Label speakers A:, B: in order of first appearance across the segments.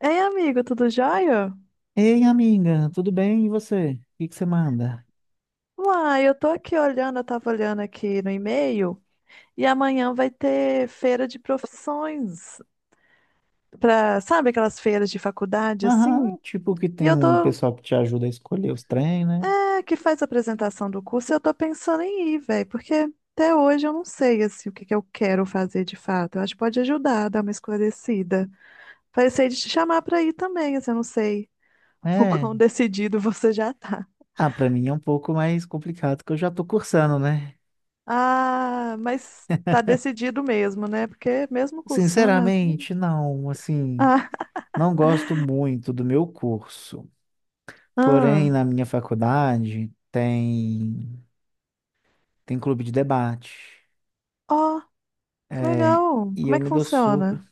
A: Ei, amigo, tudo jóia?
B: Ei, amiga, tudo bem? E você? O que que você manda?
A: Uai, eu tô aqui olhando, eu tava olhando aqui no e-mail, e amanhã vai ter feira de profissões, pra, sabe aquelas feiras de faculdade assim?
B: Aham, tipo que
A: E
B: tem
A: eu
B: um
A: tô,
B: pessoal que te ajuda a escolher os trem, né?
A: que faz a apresentação do curso, e eu tô pensando em ir, velho, porque até hoje eu não sei, assim, o que que eu quero fazer de fato. Eu acho que pode ajudar, dar uma esclarecida. Pensei de te chamar pra ir também, assim, eu não sei o
B: É.
A: quão decidido você já tá.
B: Ah, pra mim é um pouco mais complicado, que eu já tô cursando, né?
A: Ah, mas tá decidido mesmo, né? Porque mesmo cursando as...
B: Sinceramente, não, assim,
A: Ah,
B: não gosto muito do meu curso. Porém,
A: ah.
B: na minha faculdade tem clube de debate.
A: Ó, que
B: É,
A: legal.
B: e
A: Como
B: eu
A: é que
B: me dou super.
A: funciona?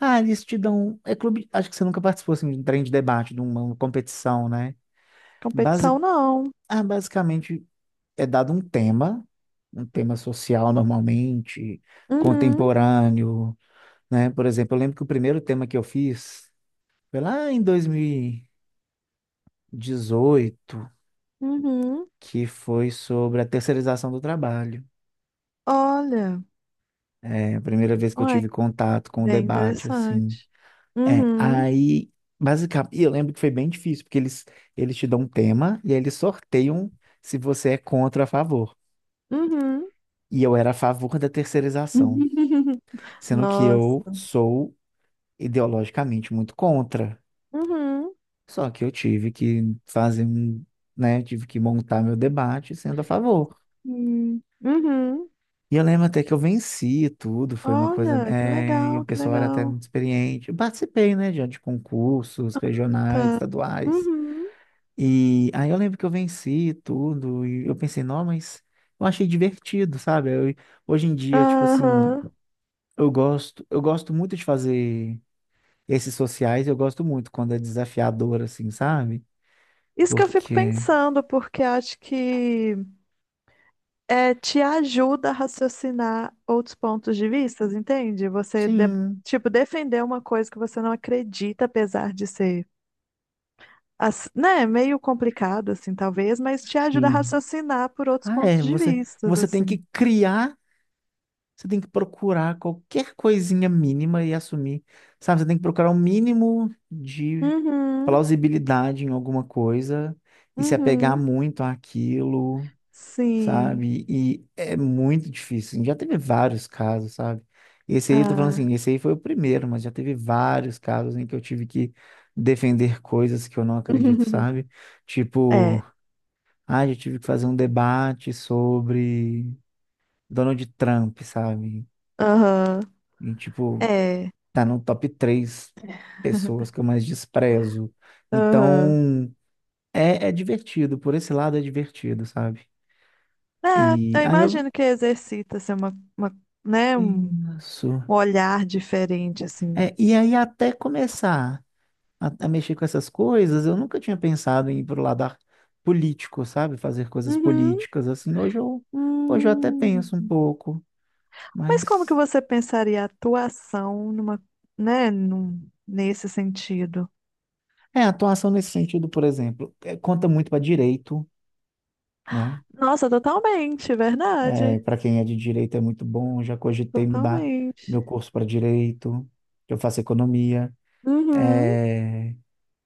B: Ah, eles te dão, é clube, acho que você nunca participou assim, de um trem de debate, de uma competição, né?
A: Competição
B: Basi-
A: não.
B: Ah, basicamente é dado um tema social normalmente,
A: Uhum,
B: contemporâneo, né? Por exemplo, eu lembro que o primeiro tema que eu fiz foi lá em 2018,
A: uhum.
B: que foi sobre a terceirização do trabalho.
A: Olha,
B: É a primeira vez que eu
A: olha,
B: tive contato com o
A: bem
B: debate, assim.
A: interessante.
B: É,
A: Uhum,
B: aí, basicamente, e eu lembro que foi bem difícil, porque eles te dão um tema e aí eles sorteiam se você é contra ou a favor.
A: uhum.
B: E eu era a favor da terceirização. Sendo que eu
A: Nossa.
B: sou ideologicamente muito contra.
A: Uhum,
B: Só que eu tive que fazer um, né, tive que montar meu debate sendo a favor.
A: uhum.
B: E eu lembro até que eu venci e tudo, foi uma coisa,
A: Olha, que
B: é, e o
A: legal, que
B: pessoal era até
A: legal.
B: muito experiente. Eu participei, né, de concursos regionais,
A: Tá.
B: estaduais.
A: Uhum.
B: E aí eu lembro que eu venci e tudo, e eu pensei, não, mas eu achei divertido, sabe? Hoje em dia, tipo assim,
A: Aham.
B: eu gosto muito de fazer. Esses sociais eu gosto muito quando é desafiador, assim, sabe?
A: Isso que eu fico
B: Porque.
A: pensando, porque acho que te ajuda a raciocinar outros pontos de vista, entende?
B: Sim,
A: Tipo, defender uma coisa que você não acredita, apesar de ser, né, meio complicado, assim, talvez, mas te ajuda a
B: sim.
A: raciocinar por outros
B: Ah,
A: pontos
B: é.
A: de
B: Você,
A: vista,
B: você tem que
A: assim.
B: criar, você tem que procurar qualquer coisinha mínima e assumir, sabe? Você tem que procurar o um mínimo de
A: Uhum,
B: plausibilidade em alguma coisa e se apegar
A: uhum,
B: muito àquilo.
A: sim.
B: Sabe? E é muito difícil, assim. Já teve vários casos, sabe? Esse aí, eu tô falando
A: Ah.
B: assim, esse aí foi o primeiro, mas já teve vários casos em que eu tive que defender coisas que eu não acredito, sabe? Tipo,
A: É,
B: ah, já tive que fazer um debate sobre Donald Trump, sabe?
A: aham,
B: E, tipo,
A: é,
B: tá no top 3 pessoas que eu mais desprezo.
A: aham.
B: Então, é, é divertido, por esse lado é divertido, sabe?
A: É,
B: E
A: eu
B: aí eu.
A: imagino que exercita, assim, uma, né, um
B: Isso.
A: um olhar diferente, assim.
B: É, e aí até começar a mexer com essas coisas, eu nunca tinha pensado em ir pro lado político, sabe? Fazer coisas
A: Uhum.
B: políticas assim. Hoje eu até penso
A: Hum,
B: um pouco,
A: mas como que
B: mas
A: você pensaria a atuação numa, nesse sentido?
B: é, a atuação nesse sentido, por exemplo, é, conta muito para direito, né?
A: Nossa, totalmente,
B: É,
A: verdade.
B: para quem é de direito é muito bom, já cogitei mudar
A: Totalmente.
B: meu curso para direito, que eu faço economia.
A: Uhum.
B: É,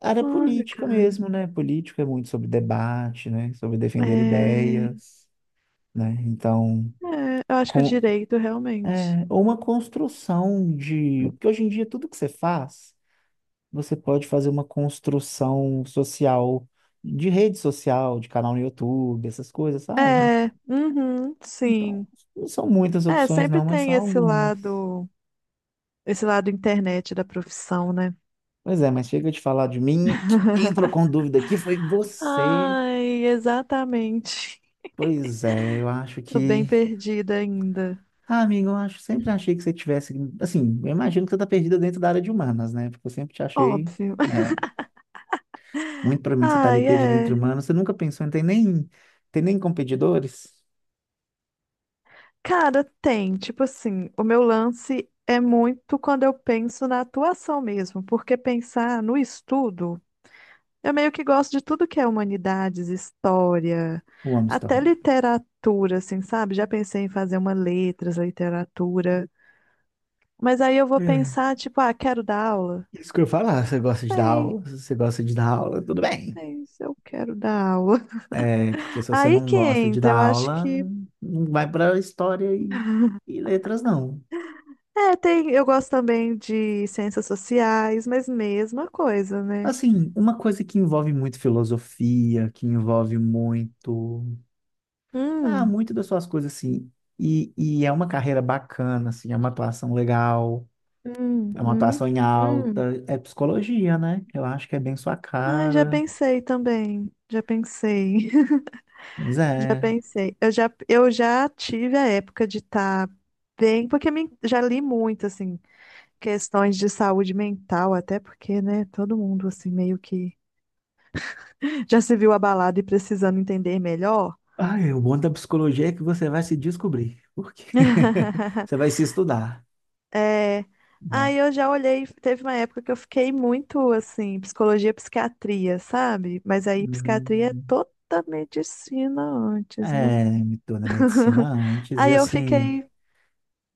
B: área
A: Olha,
B: política
A: cara.
B: mesmo, né? Política é muito sobre debate, né? Sobre defender
A: É,
B: ideias. Né? Então,
A: é, eu acho que o
B: com,
A: direito, realmente.
B: é, ou uma construção de... Porque hoje em dia tudo que você faz, você pode fazer uma construção social, de rede social, de canal no YouTube, essas coisas, sabe?
A: É, uhum,
B: Então,
A: sim.
B: não são muitas
A: É,
B: opções
A: sempre
B: não, mas
A: tem
B: são algumas.
A: esse lado internet da profissão, né?
B: Pois é, mas chega de falar de mim. Quem entrou com dúvida aqui foi você.
A: Ai, exatamente.
B: Pois é, eu acho
A: Tô bem
B: que...
A: perdida ainda.
B: Ah, amigo, eu acho, sempre achei que você tivesse... Assim, eu imagino que você tá perdida dentro da área de humanas, né? Porque eu sempre te achei...
A: Óbvio.
B: Né, muito provavelmente você está ali
A: Ai,
B: pedindo entre
A: é.
B: humanos. Você nunca pensou, não tem nem, tem nem competidores?
A: Cara, tem, tipo assim, o meu lance é muito quando eu penso na atuação mesmo, porque pensar no estudo, eu meio que gosto de tudo que é humanidades, história,
B: Eu amo
A: até
B: história.
A: literatura, assim, sabe? Já pensei em fazer uma letras, literatura, mas aí eu vou
B: É.
A: pensar, tipo, ah, quero dar aula?
B: Isso que eu ia falar, você gosta de dar
A: Sei,
B: aula? Se você gosta de dar aula, tudo bem.
A: sei se eu quero dar aula.
B: É, porque se você
A: Aí
B: não
A: que
B: gosta de
A: entra,
B: dar
A: eu acho
B: aula,
A: que
B: não, não vai para história e letras, não.
A: é, tem, eu gosto também de ciências sociais, mas mesma coisa, né?
B: Assim, uma coisa que envolve muito filosofia, que envolve muito. Ah,
A: Hum,
B: muito das suas coisas, assim. E é uma carreira bacana, assim, é uma atuação legal. É uma
A: uhum,
B: atuação em
A: hum.
B: alta. É psicologia, né? Eu acho que é bem sua
A: Ai, já
B: cara.
A: pensei também. Já pensei.
B: Mas
A: Já
B: é.
A: pensei. Eu já tive a época de estar bem, porque me, já li muito, assim, questões de saúde mental, até porque, né, todo mundo, assim, meio que já se viu abalado e precisando entender melhor.
B: Ai, o bom da psicologia é que você vai se descobrir. Porque você vai se estudar,
A: É,
B: né?
A: aí eu já olhei, teve uma época que eu fiquei muito assim, psicologia, psiquiatria, sabe? Mas aí psiquiatria é
B: Hum,
A: toda medicina antes, né?
B: é, me torna medicina antes. E
A: Aí eu
B: assim,
A: fiquei,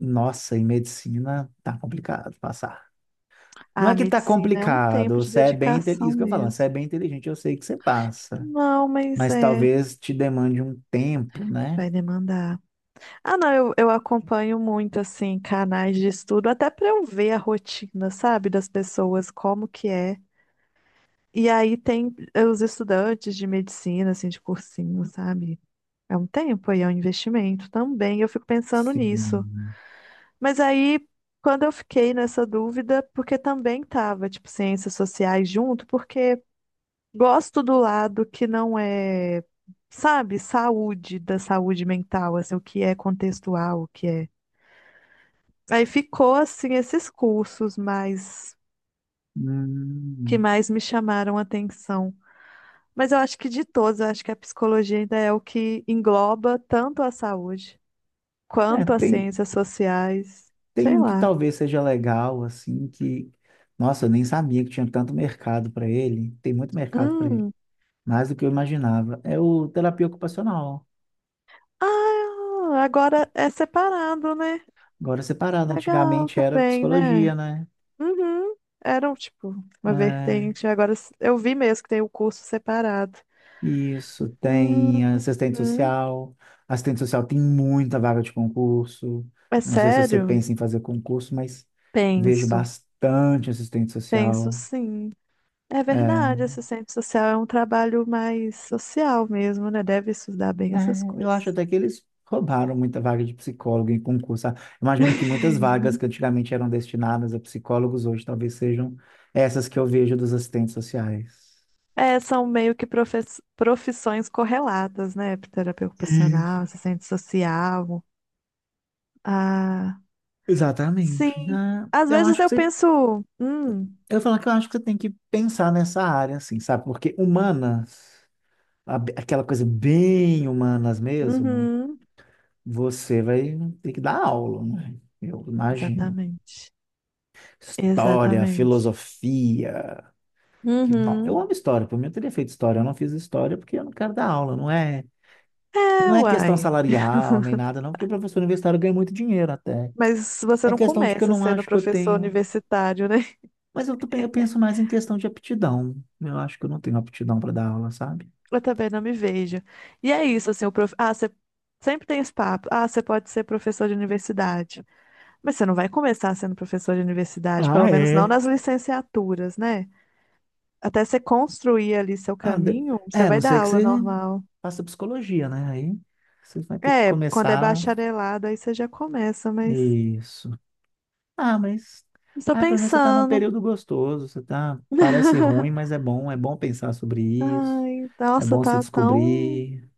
B: nossa, em medicina tá complicado passar. Não
A: ah,
B: é que tá
A: medicina é um
B: complicado,
A: tempo de
B: você é bem,
A: dedicação
B: isso que eu falo, você
A: mesmo.
B: é bem inteligente, eu sei que você passa,
A: Não, mas
B: mas
A: é,
B: talvez te demande um tempo, né?
A: vai demandar. Ah, não, eu acompanho muito assim canais de estudo, até para eu ver a rotina, sabe, das pessoas, como que é. E aí tem os estudantes de medicina, assim, de cursinho, sabe? É um tempo aí, é um investimento também. Eu fico pensando nisso.
B: Sim.
A: Mas aí, quando eu fiquei nessa dúvida, porque também tava, tipo, ciências sociais junto, porque gosto do lado que não é, sabe, saúde, da saúde mental, assim, o que é contextual, o que é. Aí ficou, assim, esses cursos mais, que
B: Hum,
A: mais me chamaram a atenção. Mas eu acho que de todos, eu acho que a psicologia ainda é o que engloba tanto a saúde
B: é,
A: quanto às
B: tem,
A: ciências sociais,
B: tem
A: sei
B: um que
A: lá.
B: talvez seja legal, assim, que, nossa, eu nem sabia que tinha tanto mercado para ele. Tem muito mercado para ele,
A: Hum.
B: mais do que eu imaginava. É o terapia ocupacional.
A: Ah, agora é separado, né?
B: Agora separado,
A: Legal
B: antigamente era
A: também, né?
B: psicologia, né?
A: Uhum. Era um, tipo uma
B: É,
A: vertente. Eu vi mesmo que tem o curso separado.
B: isso, tem assistente
A: Uhum.
B: social. Assistente social tem muita vaga de concurso.
A: É
B: Não sei se você
A: sério?
B: pensa em fazer concurso, mas vejo
A: Penso.
B: bastante assistente
A: Penso
B: social.
A: sim. É verdade,
B: É.
A: assistente social é um trabalho mais social mesmo, né? Deve estudar bem
B: É,
A: essas
B: eu acho
A: coisas.
B: até que eles roubaram muita vaga de psicólogo em concurso. Ah, imagino que muitas vagas que antigamente eram destinadas a psicólogos hoje talvez sejam essas que eu vejo dos assistentes sociais.
A: É, são meio que profissões correlatas, né? Terapia ocupacional,
B: Isso.
A: assistente social. Ah,
B: Exatamente.
A: sim.
B: Ah,
A: Às
B: eu
A: vezes
B: acho que
A: eu
B: você,
A: penso,
B: eu falo que eu acho que você tem que pensar nessa área, assim, sabe? Porque humanas, aquela coisa bem humanas mesmo,
A: uhum,
B: você vai ter que dar aula, né? Eu imagino.
A: exatamente,
B: História,
A: exatamente.
B: filosofia. Que, não, eu
A: Uhum.
B: amo história, por mim eu teria feito história, eu não fiz história porque eu não quero dar aula, não é? E não
A: É,
B: é questão
A: uai.
B: salarial nem nada, não, porque professor universitário ganha muito dinheiro até.
A: Mas você
B: É
A: não
B: questão de que eu
A: começa
B: não
A: sendo
B: acho que eu
A: professor
B: tenho.
A: universitário, né?
B: Mas eu, eu penso mais em questão de aptidão. Eu acho que eu não tenho aptidão para dar aula, sabe?
A: Eu também não me vejo. E é isso, assim, o prof... Ah, você sempre tem esse papo. Ah, você pode ser professor de universidade. Mas você não vai começar sendo professor de universidade,
B: Ah,
A: pelo menos não
B: é.
A: nas licenciaturas, né? Até você construir ali seu
B: Ah,
A: caminho,
B: é,
A: você
B: a não
A: vai dar
B: ser que
A: aula
B: você
A: normal.
B: faça psicologia, né? Aí você vai ter que
A: É, quando é
B: começar.
A: bacharelado, aí você já começa, mas
B: Isso. Ah, mas
A: estou
B: ah, pelo menos você está num
A: pensando.
B: período gostoso, você tá, parece ruim, mas é bom pensar sobre isso,
A: Ai,
B: é
A: nossa,
B: bom se
A: tá tão,
B: descobrir,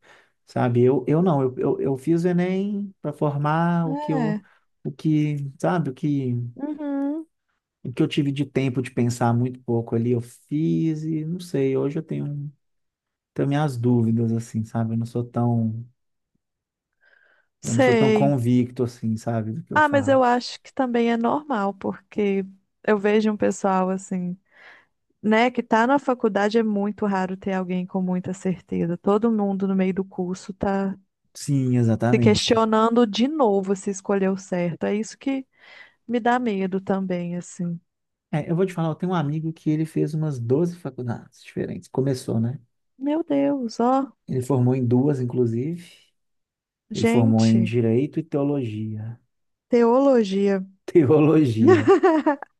B: sabe? Eu não,
A: tão-
B: eu fiz o Enem para formar o que eu,
A: é.
B: o que, sabe,
A: Uhum,
B: o que eu tive de tempo de pensar muito pouco ali, eu fiz e não sei, hoje eu tenho, tenho minhas dúvidas, assim, sabe? Eu não sou tão
A: sei.
B: convicto, assim, sabe, do que eu
A: Ah, mas eu
B: faço.
A: acho que também é normal, porque eu vejo um pessoal assim, né, que tá na faculdade é muito raro ter alguém com muita certeza. Todo mundo no meio do curso tá
B: Sim,
A: se
B: exatamente.
A: questionando de novo se escolheu certo. É isso que me dá medo também, assim.
B: É, eu vou te falar, eu tenho um amigo que ele fez umas 12 faculdades diferentes. Começou, né?
A: Meu Deus, ó,
B: Ele formou em duas, inclusive. Ele formou em
A: gente,
B: Direito e Teologia.
A: teologia.
B: Teologia.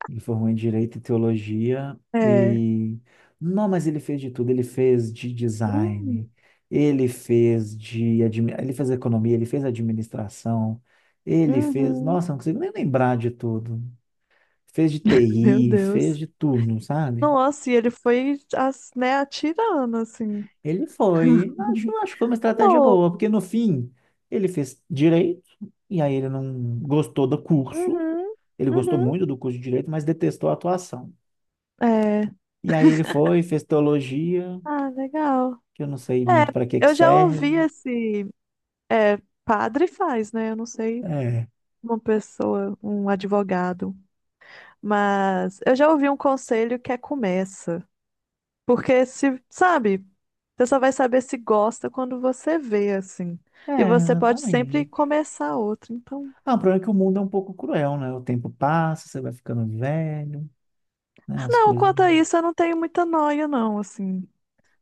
B: Ele formou em Direito e Teologia
A: É.
B: e... Não, mas ele fez de tudo. Ele fez de
A: Hum,
B: design, ele fez de... Ele fez economia, ele fez administração, ele fez...
A: uhum.
B: Nossa, não consigo nem lembrar de tudo. Fez de
A: Meu
B: TI, fez
A: Deus.
B: de tudo, sabe?
A: Nossa, e ele foi, né, atirando, assim.
B: Ele foi, acho que foi uma estratégia
A: Amor.
B: boa, porque no fim ele fez direito, e aí ele não gostou do curso,
A: Uhum,
B: ele gostou
A: uhum.
B: muito do curso de direito, mas detestou a atuação.
A: É.
B: E aí ele foi, fez teologia,
A: Ah, legal.
B: que eu não sei
A: É,
B: muito para que que
A: eu já
B: serve.
A: ouvi esse. É, padre faz, né? Eu não sei
B: É,
A: uma pessoa, um advogado. Mas eu já ouvi um conselho que é começa. Porque se, sabe, você só vai saber se gosta quando você vê, assim. E você pode sempre
B: exatamente.
A: começar outro. Então,
B: Ah, o problema é que o mundo é um pouco cruel, né? O tempo passa, você vai ficando velho, né? As
A: não,
B: coisas.
A: quanto a isso, eu não tenho muita noia, não, assim.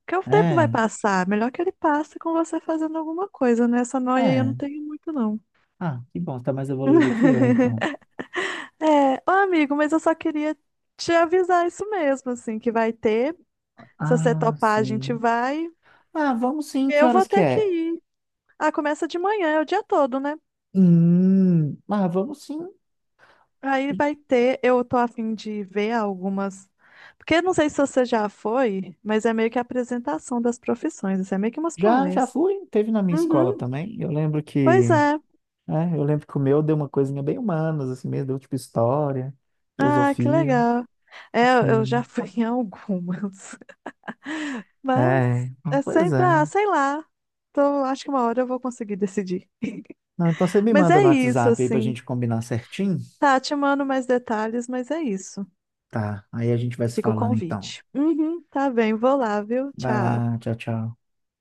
A: Porque o tempo vai
B: É,
A: passar. Melhor que ele passe com você fazendo alguma coisa, né? Essa noia aí eu não
B: é.
A: tenho muito, não.
B: Ah, que bom, você tá mais evoluído que eu, então.
A: É, ô amigo, mas eu só queria te avisar isso mesmo, assim, que vai ter. Se você
B: Ah,
A: topar, a gente
B: sim.
A: vai.
B: Ah, vamos sim, que
A: Eu vou
B: horas que
A: ter que
B: é?
A: ir. Ah, começa de manhã, é o dia todo, né?
B: Ah, vamos sim.
A: Aí vai ter, eu tô a fim de ver algumas. Porque não sei se você já foi, mas é meio que a apresentação das profissões, isso é meio que umas
B: Já
A: palestras.
B: fui, teve na minha escola
A: Uhum.
B: também. Eu lembro
A: Pois
B: que,
A: é.
B: é, eu lembro que o meu deu uma coisinha bem humanas, assim mesmo, deu tipo história,
A: Ah, que
B: filosofia,
A: legal. É, eu já
B: assim.
A: fui em algumas. Mas
B: É, ah,
A: é
B: pois
A: sempre, ah,
B: é.
A: sei lá. Então, acho que uma hora eu vou conseguir decidir.
B: Não, então você me
A: Mas
B: manda
A: é
B: no
A: isso,
B: WhatsApp aí pra
A: assim.
B: gente combinar certinho?
A: Tá, te mando mais detalhes, mas é isso.
B: Tá, aí a gente vai se
A: Fica o
B: falando então.
A: convite. Uhum, tá bem, vou lá, viu?
B: Vai
A: Tchau.
B: lá, tchau, tchau.